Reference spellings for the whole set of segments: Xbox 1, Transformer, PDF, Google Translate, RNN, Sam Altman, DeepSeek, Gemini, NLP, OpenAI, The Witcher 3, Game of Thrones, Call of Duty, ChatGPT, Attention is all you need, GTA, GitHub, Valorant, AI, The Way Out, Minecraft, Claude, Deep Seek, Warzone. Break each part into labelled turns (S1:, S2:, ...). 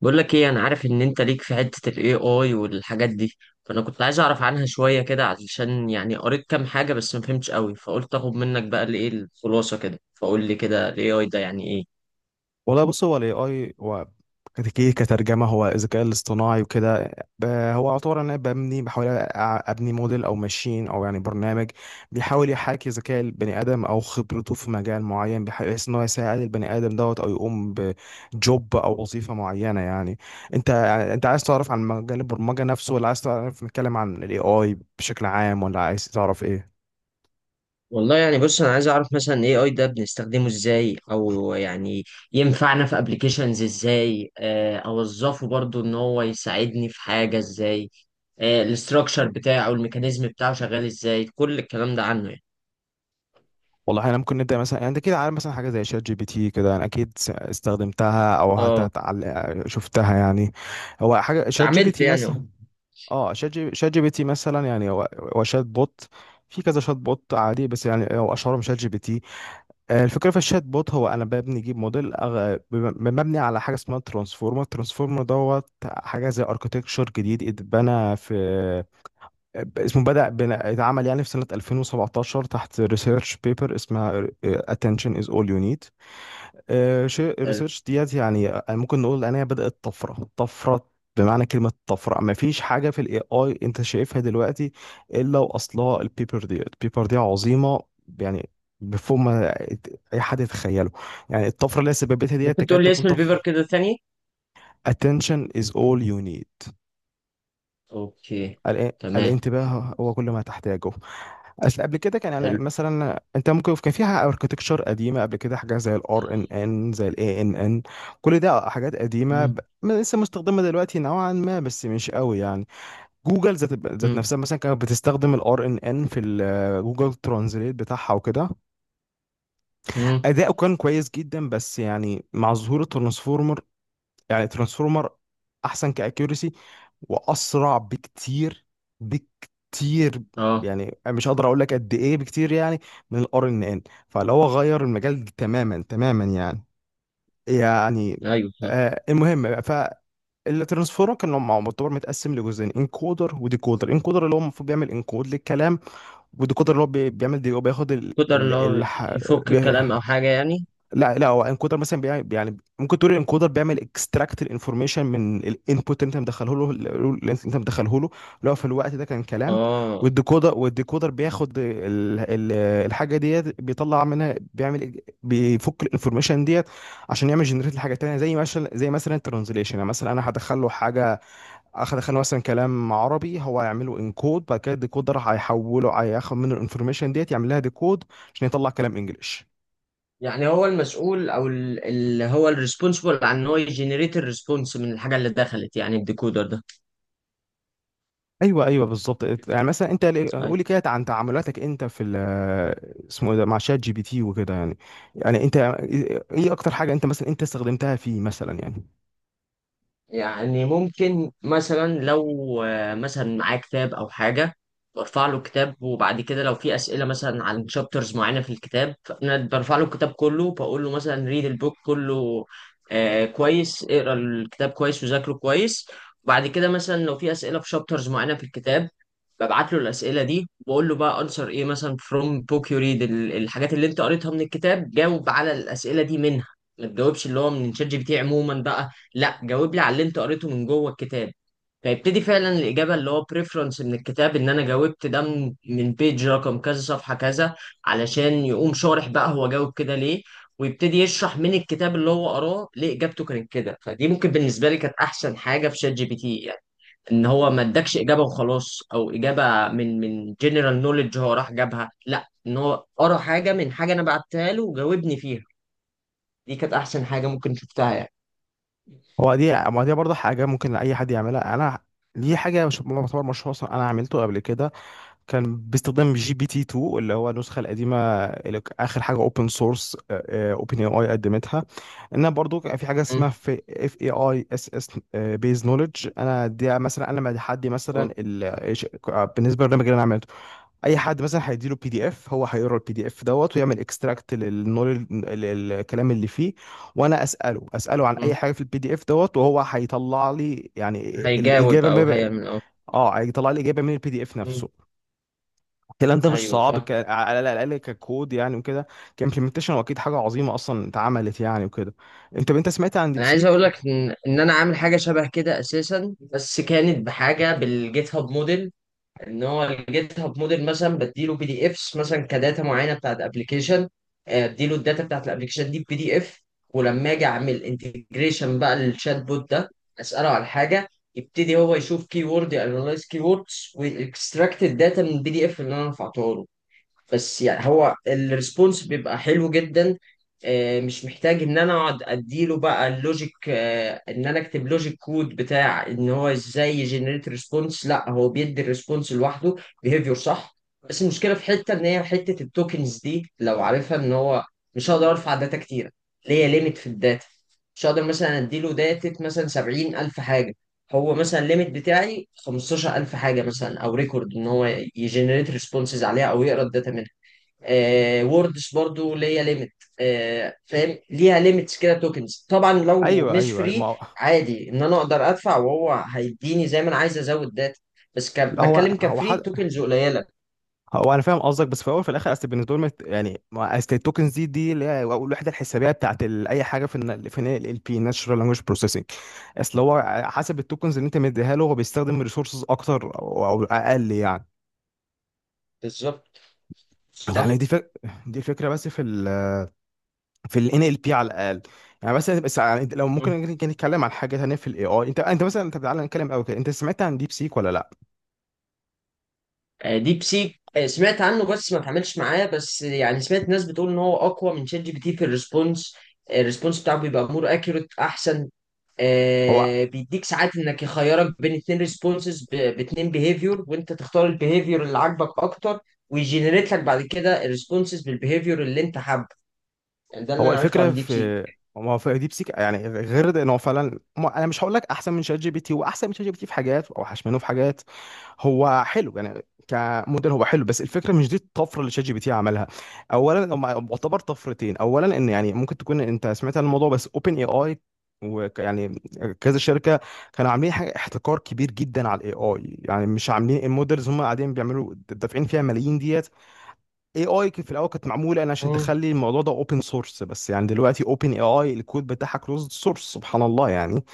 S1: بقول لك ايه، انا عارف ان انت ليك في حتة الاي اي والحاجات دي. فانا كنت عايز اعرف عنها شوية كده علشان يعني قريت كام حاجة بس ما فهمتش قوي، فقلت اخد منك بقى الايه الخلاصة كده. فقول لي كده الاي اي ده يعني ايه؟
S2: والله بص، هو الاي اي هو كترجمه هو الذكاء الاصطناعي وكده. هو عباره ان انا ببني، بحاول ابني موديل او ماشين او يعني برنامج بيحاول يحاكي ذكاء البني ادم او خبرته في مجال معين، بحيث ان هو يساعد البني ادم دوت، او يقوم بجوب او وظيفه معينه يعني. انت انت عايز تعرف عن مجال البرمجه نفسه، ولا عايز تعرف نتكلم عن الاي اي بشكل عام، ولا عايز تعرف ايه؟
S1: والله يعني بص، انا عايز اعرف مثلا الاي اي ده بنستخدمه ازاي او يعني ينفعنا في ابلكيشنز ازاي. اوظفه برضو ان هو يساعدني في حاجة ازاي. الاستراكشر بتاعه، الميكانيزم بتاعه شغال ازاي، كل الكلام ده عنه يعني.
S2: والله احنا ممكن نبدا مثلا، يعني انت كده عارف مثلا حاجه زي شات جي بي تي كده، انا اكيد استخدمتها او حتى
S1: اه،
S2: شفتها يعني. هو حاجه شات جي بي
S1: اتعاملت
S2: تي
S1: يعني.
S2: مثلا. اه، شات جي بي تي مثلا، يعني هو شات بوت. في كذا شات بوت عادي، بس يعني هو اشهرهم شات جي بي تي. الفكره في الشات بوت، هو انا ببني اجيب موديل مبني على حاجه اسمها ترانسفورمر. ترانسفورمر دوت حاجه زي اركتكتشر جديد اتبنى في، اسمه اتعمل يعني في سنة 2017 تحت ريسيرش بيبر اسمها Attention is all you need. شيء
S1: اه،
S2: الريسيرش ديت، يعني ممكن نقول ان هي بدأت طفرة. بمعنى كلمة طفرة، ما فيش حاجة في الاي اي انت شايفها دلوقتي الا واصلها البيبر دي. البيبر دي عظيمة يعني، بفوق ما اي حد يتخيله يعني. الطفرة اللي هي سببتها ديت
S1: ممكن
S2: تكاد
S1: تقول لي
S2: تكون
S1: اسم
S2: طفرة.
S1: البيبر كده ثاني.
S2: Attention is all you need.
S1: اوكي. تمام.
S2: الانتباه هو كل ما تحتاجه. اصل قبل كده كان يعني
S1: حلو.
S2: مثلا انت ممكن كان فيها اركتكتشر قديمه قبل كده، حاجه زي الار ان ان، زي الاي ان ان. كل ده حاجات قديمه،
S1: مم،
S2: ما لسه مستخدمه دلوقتي نوعا ما، بس مش قوي يعني. جوجل ذات
S1: مم،
S2: نفسها مثلا كانت بتستخدم الار ان ان في ال جوجل ترانزليت بتاعها وكده.
S1: مم.
S2: اداؤه كان كويس جدا، بس يعني مع ظهور الترانسفورمر. يعني ترانسفورمر احسن كاكيورسي، واسرع بكتير
S1: اه،
S2: يعني. مش هقدر اقول لك قد ايه بكتير يعني من الار ان ان. فلو هو غير المجال تماما يعني. يعني
S1: ايوه صح.
S2: المهم. فالترانسفورم كان معتبر متقسم لجزئين، انكودر وديكودر. انكودر اللي هو المفروض بيعمل انكود للكلام، وديكودر اللي هو بيعمل دي، هو بياخد ال
S1: قدر اللي
S2: ال
S1: هو
S2: ال
S1: يفك الكلام او حاجه يعني.
S2: لا لا، هو انكودر مثلا بيعمل، يعني ممكن تقول الانكودر بيعمل اكستراكت الانفورميشن من الانبوت اللي انت مدخله له، لو في الوقت ده كان كلام.
S1: اه،
S2: والديكودر بياخد ال الحاجه ديت، بيطلع منها، بيعمل بيفك الانفورميشن ديت عشان يعمل جنريت لحاجه تانيه، زي مثلا الترانزليشن. يعني مثلا انا هدخل له حاجه، هدخل له مثلا كلام عربي، هو هيعمله انكود، بعد كده الديكودر هيحوله، هياخد منه الانفورميشن ديت، يعمل لها ديكود عشان يطلع كلام انجلش.
S1: يعني هو المسؤول او ال- اللي هو الريسبونسبل عن ان هو يجنريت الريسبونس من الحاجه اللي دخلت يعني الديكودر
S2: ايوه، ايوه، بالظبط. يعني مثلا انت
S1: ده.
S2: قولي كده عن تعاملاتك انت في اسمه إيه ده، مع شات جي بي تي وكده يعني. يعني انت ايه اكتر حاجه انت مثلا انت استخدمتها فيه مثلا يعني؟
S1: يعني ممكن مثلا لو مثلا معاه كتاب او حاجه، برفع له كتاب، وبعد كده لو في اسئله مثلا عن شابترز معينه في الكتاب، فانا برفع له الكتاب كله بقول له مثلا ريد البوك كله، آه كويس اقرا الكتاب كويس وذاكره كويس. وبعد كده مثلا لو في اسئله في شابترز معينه في الكتاب، ببعت له الاسئله دي وبقول له بقى انسر ايه مثلا فروم بوك يو ريد، الحاجات اللي انت قريتها من الكتاب جاوب على الاسئله دي منها. ما تجاوبش اللي هو من شات جي بي تي عموما بقى، لا جاوب لي على اللي انت قريته من جوه الكتاب. فيبتدي فعلا الإجابة اللي هو بريفرنس من الكتاب، إن أنا جاوبت ده من بيج رقم كذا صفحة كذا علشان يقوم شارح بقى هو جاوب كده ليه. ويبتدي يشرح من الكتاب اللي هو قراه ليه إجابته كانت كده. فدي ممكن بالنسبة لي كانت أحسن حاجة في شات جي بي تي يعني. إن هو ما ادكش إجابة وخلاص أو إجابة من جنرال نوليدج هو راح جابها، لا إن هو قرا حاجة من حاجة أنا بعتها له وجاوبني فيها. دي كانت أحسن حاجة ممكن شفتها يعني.
S2: هو دي، ما دي برضه حاجه ممكن اي حد يعملها، انا دي حاجه مش يعتبر مشروع اصلا، انا عملته قبل كده. كان باستخدام جي بي تي 2، اللي هو النسخه القديمه. اخر حاجه اوبن سورس اوبن اي اي قدمتها، انها برضو كان في حاجه
S1: م-
S2: اسمها في اف اي اي اس اس بيز نولج. انا دي مثلا انا مع حد
S1: م-
S2: مثلا بالنسبه للبرنامج اللي انا عملته، اي حد مثلا هيديله بي دي اف، هو هيقرا البي دي اف دوت، ويعمل اكستراكت للنولج الكلام اللي فيه. وانا اساله عن اي
S1: م.
S2: حاجه في البي دي اف دوت، وهو هيطلع لي يعني
S1: هيجاوب
S2: الاجابه.
S1: او
S2: ما ب-
S1: هيعمل، اه.
S2: اه، هيطلع لي اجابه من البي دي اف
S1: مم.
S2: نفسه. الكلام ده مش
S1: ايوه
S2: صعب،
S1: فاهم.
S2: على الاقل ككود يعني وكده، كامبلمنتيشن، واكيد حاجه عظيمه اصلا اتعملت يعني وكده. انت سمعت عن
S1: انا عايز
S2: ديبسيك؟
S1: اقول لك ان انا عامل حاجه شبه كده اساسا، بس كانت بحاجه بالجيت هاب موديل. ان هو الجيت هاب موديل مثلا بديله بي دي افس مثلا كداتا معينه بتاعت ابلكيشن، اديله الداتا بتاعت الابلكيشن دي بي دي اف. ولما اجي اعمل انتجريشن بقى للشات بوت ده، اساله على حاجه، يبتدي هو يشوف كي وورد، انالايز كي ووردز ويكستراكت الداتا من البي دي اف اللي انا رفعته له. بس يعني هو الريسبونس بيبقى حلو جدا. مش محتاج ان انا اقعد اديله بقى اللوجيك، ان انا اكتب لوجيك كود بتاع ان هو ازاي يجنريت ريسبونس. لا هو بيدي الريسبونس لوحده، بيهيفير صح. بس المشكله في حته ان هي حته التوكنز دي لو عارفها، ان هو مش هقدر ارفع داتا كتير، ليا ليميت في الداتا. مش هقدر مثلا اديله داتا مثلا 70000 حاجه، هو مثلا الليميت بتاعي 15000 حاجه مثلا، او ريكورد ان هو يجنريت ريسبونسز عليها او يقرا الداتا منها. آه ووردز برضو ليا ليميت. آه فاهم، ليها ليميتس كده توكنز طبعا لو
S2: ايوه،
S1: مش
S2: ايوه، أيوة. ما
S1: فري.
S2: هو،
S1: عادي ان انا اقدر ادفع وهو هيديني زي ما انا عايز ازود داتا، بس
S2: لا هو
S1: بتكلم
S2: هو
S1: كفري
S2: حد
S1: التوكنز قليله.
S2: هو انا فاهم قصدك، بس في الاول وفي الاخر، اصل بالنسبه لهم اصل التوكنز دي اللي هي الوحده الحسابيه بتاعت اي حاجه في ال، في ال بي ناتشرال لانجويج بروسيسنج. اصل هو حسب التوكنز اللي انت مديها له، هو بيستخدم ريسورسز اكتر او اقل يعني.
S1: بالظبط
S2: يعني
S1: صح.
S2: دي فكره، بس في ال، في ال NLP على الاقل. يعني مثلا، بس يعني انت لو
S1: مم.
S2: ممكن نتكلم عن حاجه تانيه في الاي اي. انت تعالى نتكلم قوي كده. انت سمعت عن ديب سيك ولا لا؟
S1: آه ديب سيك، آه سمعت عنه بس ما اتعاملش معاه. بس يعني سمعت ناس بتقول ان هو اقوى من شات جي بي تي في الريسبونس. الريسبونس بتاعه بيبقى مور اكيوريت احسن.
S2: هو
S1: بيديك ساعات انك يخيرك بين اتنين ريسبونسز باتنين بيهيفيور وانت تختار البيهيفيور اللي عاجبك اكتر. ويجنريت لك بعد كده الريسبونسز بالبيهيفيور اللي انت حابه. يعني ده اللي
S2: هو
S1: انا عرفته
S2: الفكره
S1: عن ديب
S2: في
S1: سيك.
S2: ما هو في ديب سيك يعني غير ده، ان هو فعلا انا مش هقول لك احسن من شات جي بي تي، هو احسن من شات جي بي تي في حاجات، واوحش منه في حاجات. هو حلو يعني، كموديل هو حلو، بس الفكره مش دي الطفره اللي شات جي بي تي عملها. اولا، هم يعتبر طفرتين. اولا ان يعني ممكن تكون انت سمعت عن الموضوع، بس اوبن اي اي ويعني كذا شركه كانوا عاملين حاجه احتكار كبير جدا على الاي اي، يعني مش عاملين المودلز، هم قاعدين بيعملوا دافعين فيها ملايين ديت. اي اي في الاول كانت معموله انا عشان
S1: امم.
S2: تخلي الموضوع ده اوبن سورس، بس يعني دلوقتي اوبن اي اي الكود بتاعها كلوزد سورس، سبحان الله يعني.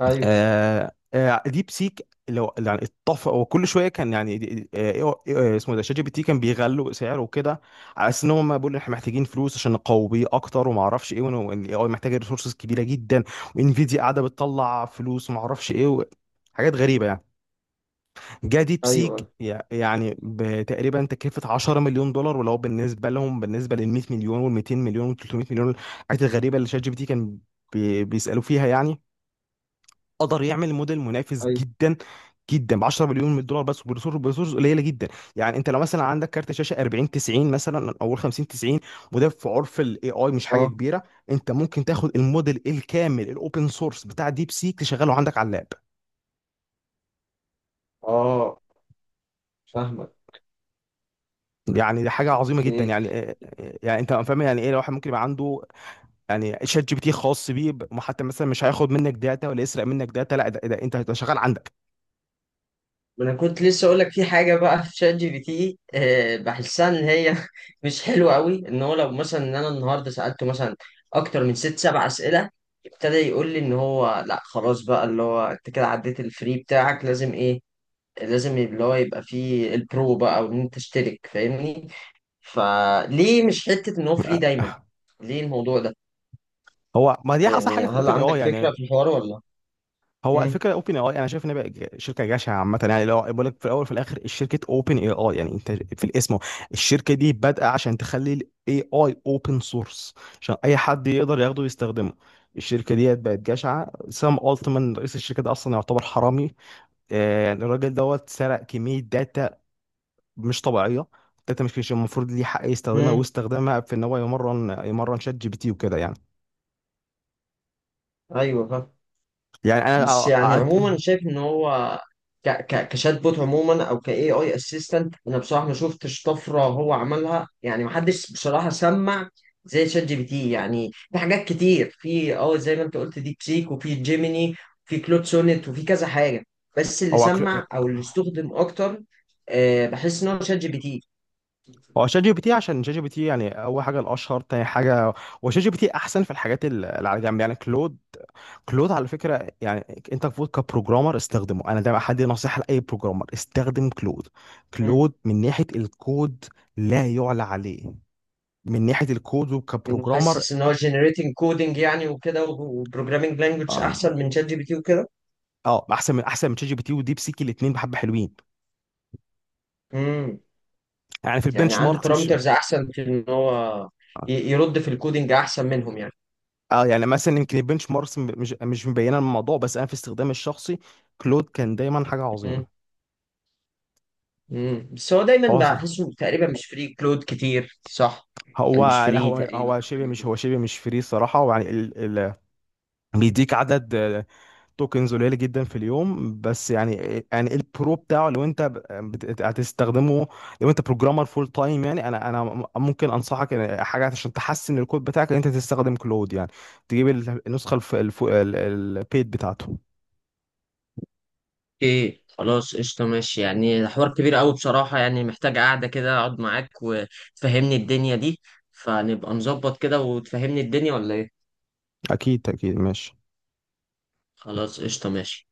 S1: ايوه،
S2: ديب سيك لو يعني اتفق، وكل شويه كان يعني دي- آه إيه، إيه، آه اسمه ده شات جي بي تي كان بيغلوا سعره وكده، على اساس ان هم بيقولوا احنا محتاجين فلوس عشان نقوي بيه اكتر وما اعرفش ايه، والاي اي محتاجه ريسورسز كبيره جدا، وانفيديا قاعده بتطلع فلوس وما اعرفش ايه حاجات غريبه يعني. جه ديب سيك
S1: ايوه،
S2: يعني بتقريبا تكلفة 10 مليون دولار، ولو بالنسبة لهم بالنسبة لل 100 مليون وال 200 مليون وال 300 مليون، الحاجات الغريبة اللي شات جي بي تي كان بيسألوا فيها يعني، قدر يعمل موديل منافس
S1: ايوه.
S2: جدا ب 10 مليون من الدولار بس، وبريسورس قليله جدا. يعني انت لو مثلا عندك كارت شاشه 40 90 مثلا، او 50 90، وده في عرف الاي اي مش حاجه
S1: اه،
S2: كبيره. انت ممكن تاخد الموديل الكامل الاوبن سورس بتاع ديب سيك، تشغله عندك على اللاب.
S1: اه، فاهمك.
S2: يعني دي حاجه عظيمه جدا
S1: اوكي.
S2: يعني. يعني انت فاهم يعني ايه الواحد ممكن يبقى عنده. يعني شات جي بي تي خاص بيه، وحتى مثلا مش هياخد منك داتا ولا يسرق منك داتا، لا ده، انت ده شغال عندك.
S1: ما انا كنت لسه اقول لك في حاجه بقى في شات جي بي تي، بحسها ان هي مش حلوه قوي. ان هو لو مثلا ان انا النهارده سالته مثلا اكتر من ست سبع اسئله، ابتدى يقول لي ان هو لا خلاص بقى اللي هو انت كده عديت الفري بتاعك، لازم ايه، لازم اللي هو يبقى فيه البرو بقى او ان انت تشترك، فاهمني؟ فليه مش حته ان هو فري دايما؟ ليه الموضوع ده؟
S2: هو، ما دي اصلا
S1: يعني
S2: حاجه في
S1: هل
S2: اوبن اي
S1: عندك
S2: اي
S1: فكره
S2: يعني.
S1: في الحوار ولا؟
S2: هو
S1: امم.
S2: الفكره اوبن اي اي، انا شايف ان بقى شركه جشعه عامه يعني، لو بقول لك. في الاول وفي الاخر، الشركه اوبن اي اي يعني انت في الاسم. الشركه دي بادئه عشان تخلي الاي اي اوبن سورس، عشان اي حد يقدر ياخده ويستخدمه. الشركه دي بقت جشعه. سام التمان، رئيس الشركه ده، اصلا يعتبر حرامي. يعني الراجل دوت سرق كمية داتا مش طبيعية، داتا مش المفروض ليه حق يستخدمها،
S1: امم.
S2: واستخدامها في ان هو يمرن شات جي بي تي وكده يعني.
S1: ايوه.
S2: يعني انا
S1: بس يعني
S2: أقعد
S1: عموما أنا شايف ان هو ك ك كشات بوت عموما او ك اي اي اسيستنت، انا بصراحه ما شفتش طفره هو عملها. يعني ما حدش بصراحه سمع زي شات جي بي تي يعني. في حاجات كتير، في اه زي ما انت قلت ديب سيك وفي جيميني، في كلود سونيت وفي كذا حاجه. بس اللي
S2: او أكر...
S1: سمع او اللي استخدم اكتر، آه بحس ان هو شات جي بي تي.
S2: هو شات جي بي تي، عشان شات جي بي تي يعني اول حاجه الاشهر، تاني حاجه هو شات جي بي تي احسن في الحاجات اللي على جنب. يعني كلود، كلود على فكره، يعني انت المفروض كبروجرامر استخدمه. انا ده حد نصيحه لاي بروجرامر: استخدم كلود.
S1: مم.
S2: كلود من ناحيه الكود لا يعلى عليه، من ناحيه الكود
S1: يعني
S2: وكبروجرامر.
S1: حاسس ان هو جنريتنج كودنج يعني وكده وبروجرامينج لانجوج
S2: اه،
S1: احسن من شات جي بي تي وكده.
S2: اه، احسن من شات جي بي تي وديب سيك. الاثنين بحبه حلوين
S1: مم.
S2: يعني. في
S1: يعني
S2: البنش
S1: عنده
S2: ماركس مش،
S1: بارامترز احسن في ان هو
S2: اه،
S1: يرد في الكودينج احسن منهم يعني.
S2: يعني مثلا يمكن البنش ماركس مش مبينه الموضوع، بس انا في استخدامي الشخصي كلود كان دايما حاجه
S1: مم.
S2: عظيمه.
S1: مم. بس هو دايما
S2: هو
S1: بحسه تقريبا مش فري كلود كتير صح.
S2: هو
S1: يعني مش
S2: لا،
S1: فري
S2: هو
S1: تقريبا
S2: هو
S1: او
S2: شبه
S1: حاجه
S2: مش،
S1: كده.
S2: فري صراحه. ويعني بيديك عدد توكنز قليله جدا في اليوم بس يعني. يعني البرو بتاعه لو انت هتستخدمه، لو انت بروجرامر فول تايم يعني، انا ممكن انصحك ان حاجه عشان تحسن الكود بتاعك ان انت تستخدم كلود يعني، تجيب النسخه البيد بتاعته.
S1: اوكي خلاص قشطه ماشي. يعني ده حوار كبير قوي بصراحه، يعني محتاج قعده كده اقعد معاك وتفهمني الدنيا دي، فنبقى نظبط كده وتفهمني الدنيا ولا ايه؟
S2: اكيد اكيد ماشي.
S1: خلاص قشطه ماشي.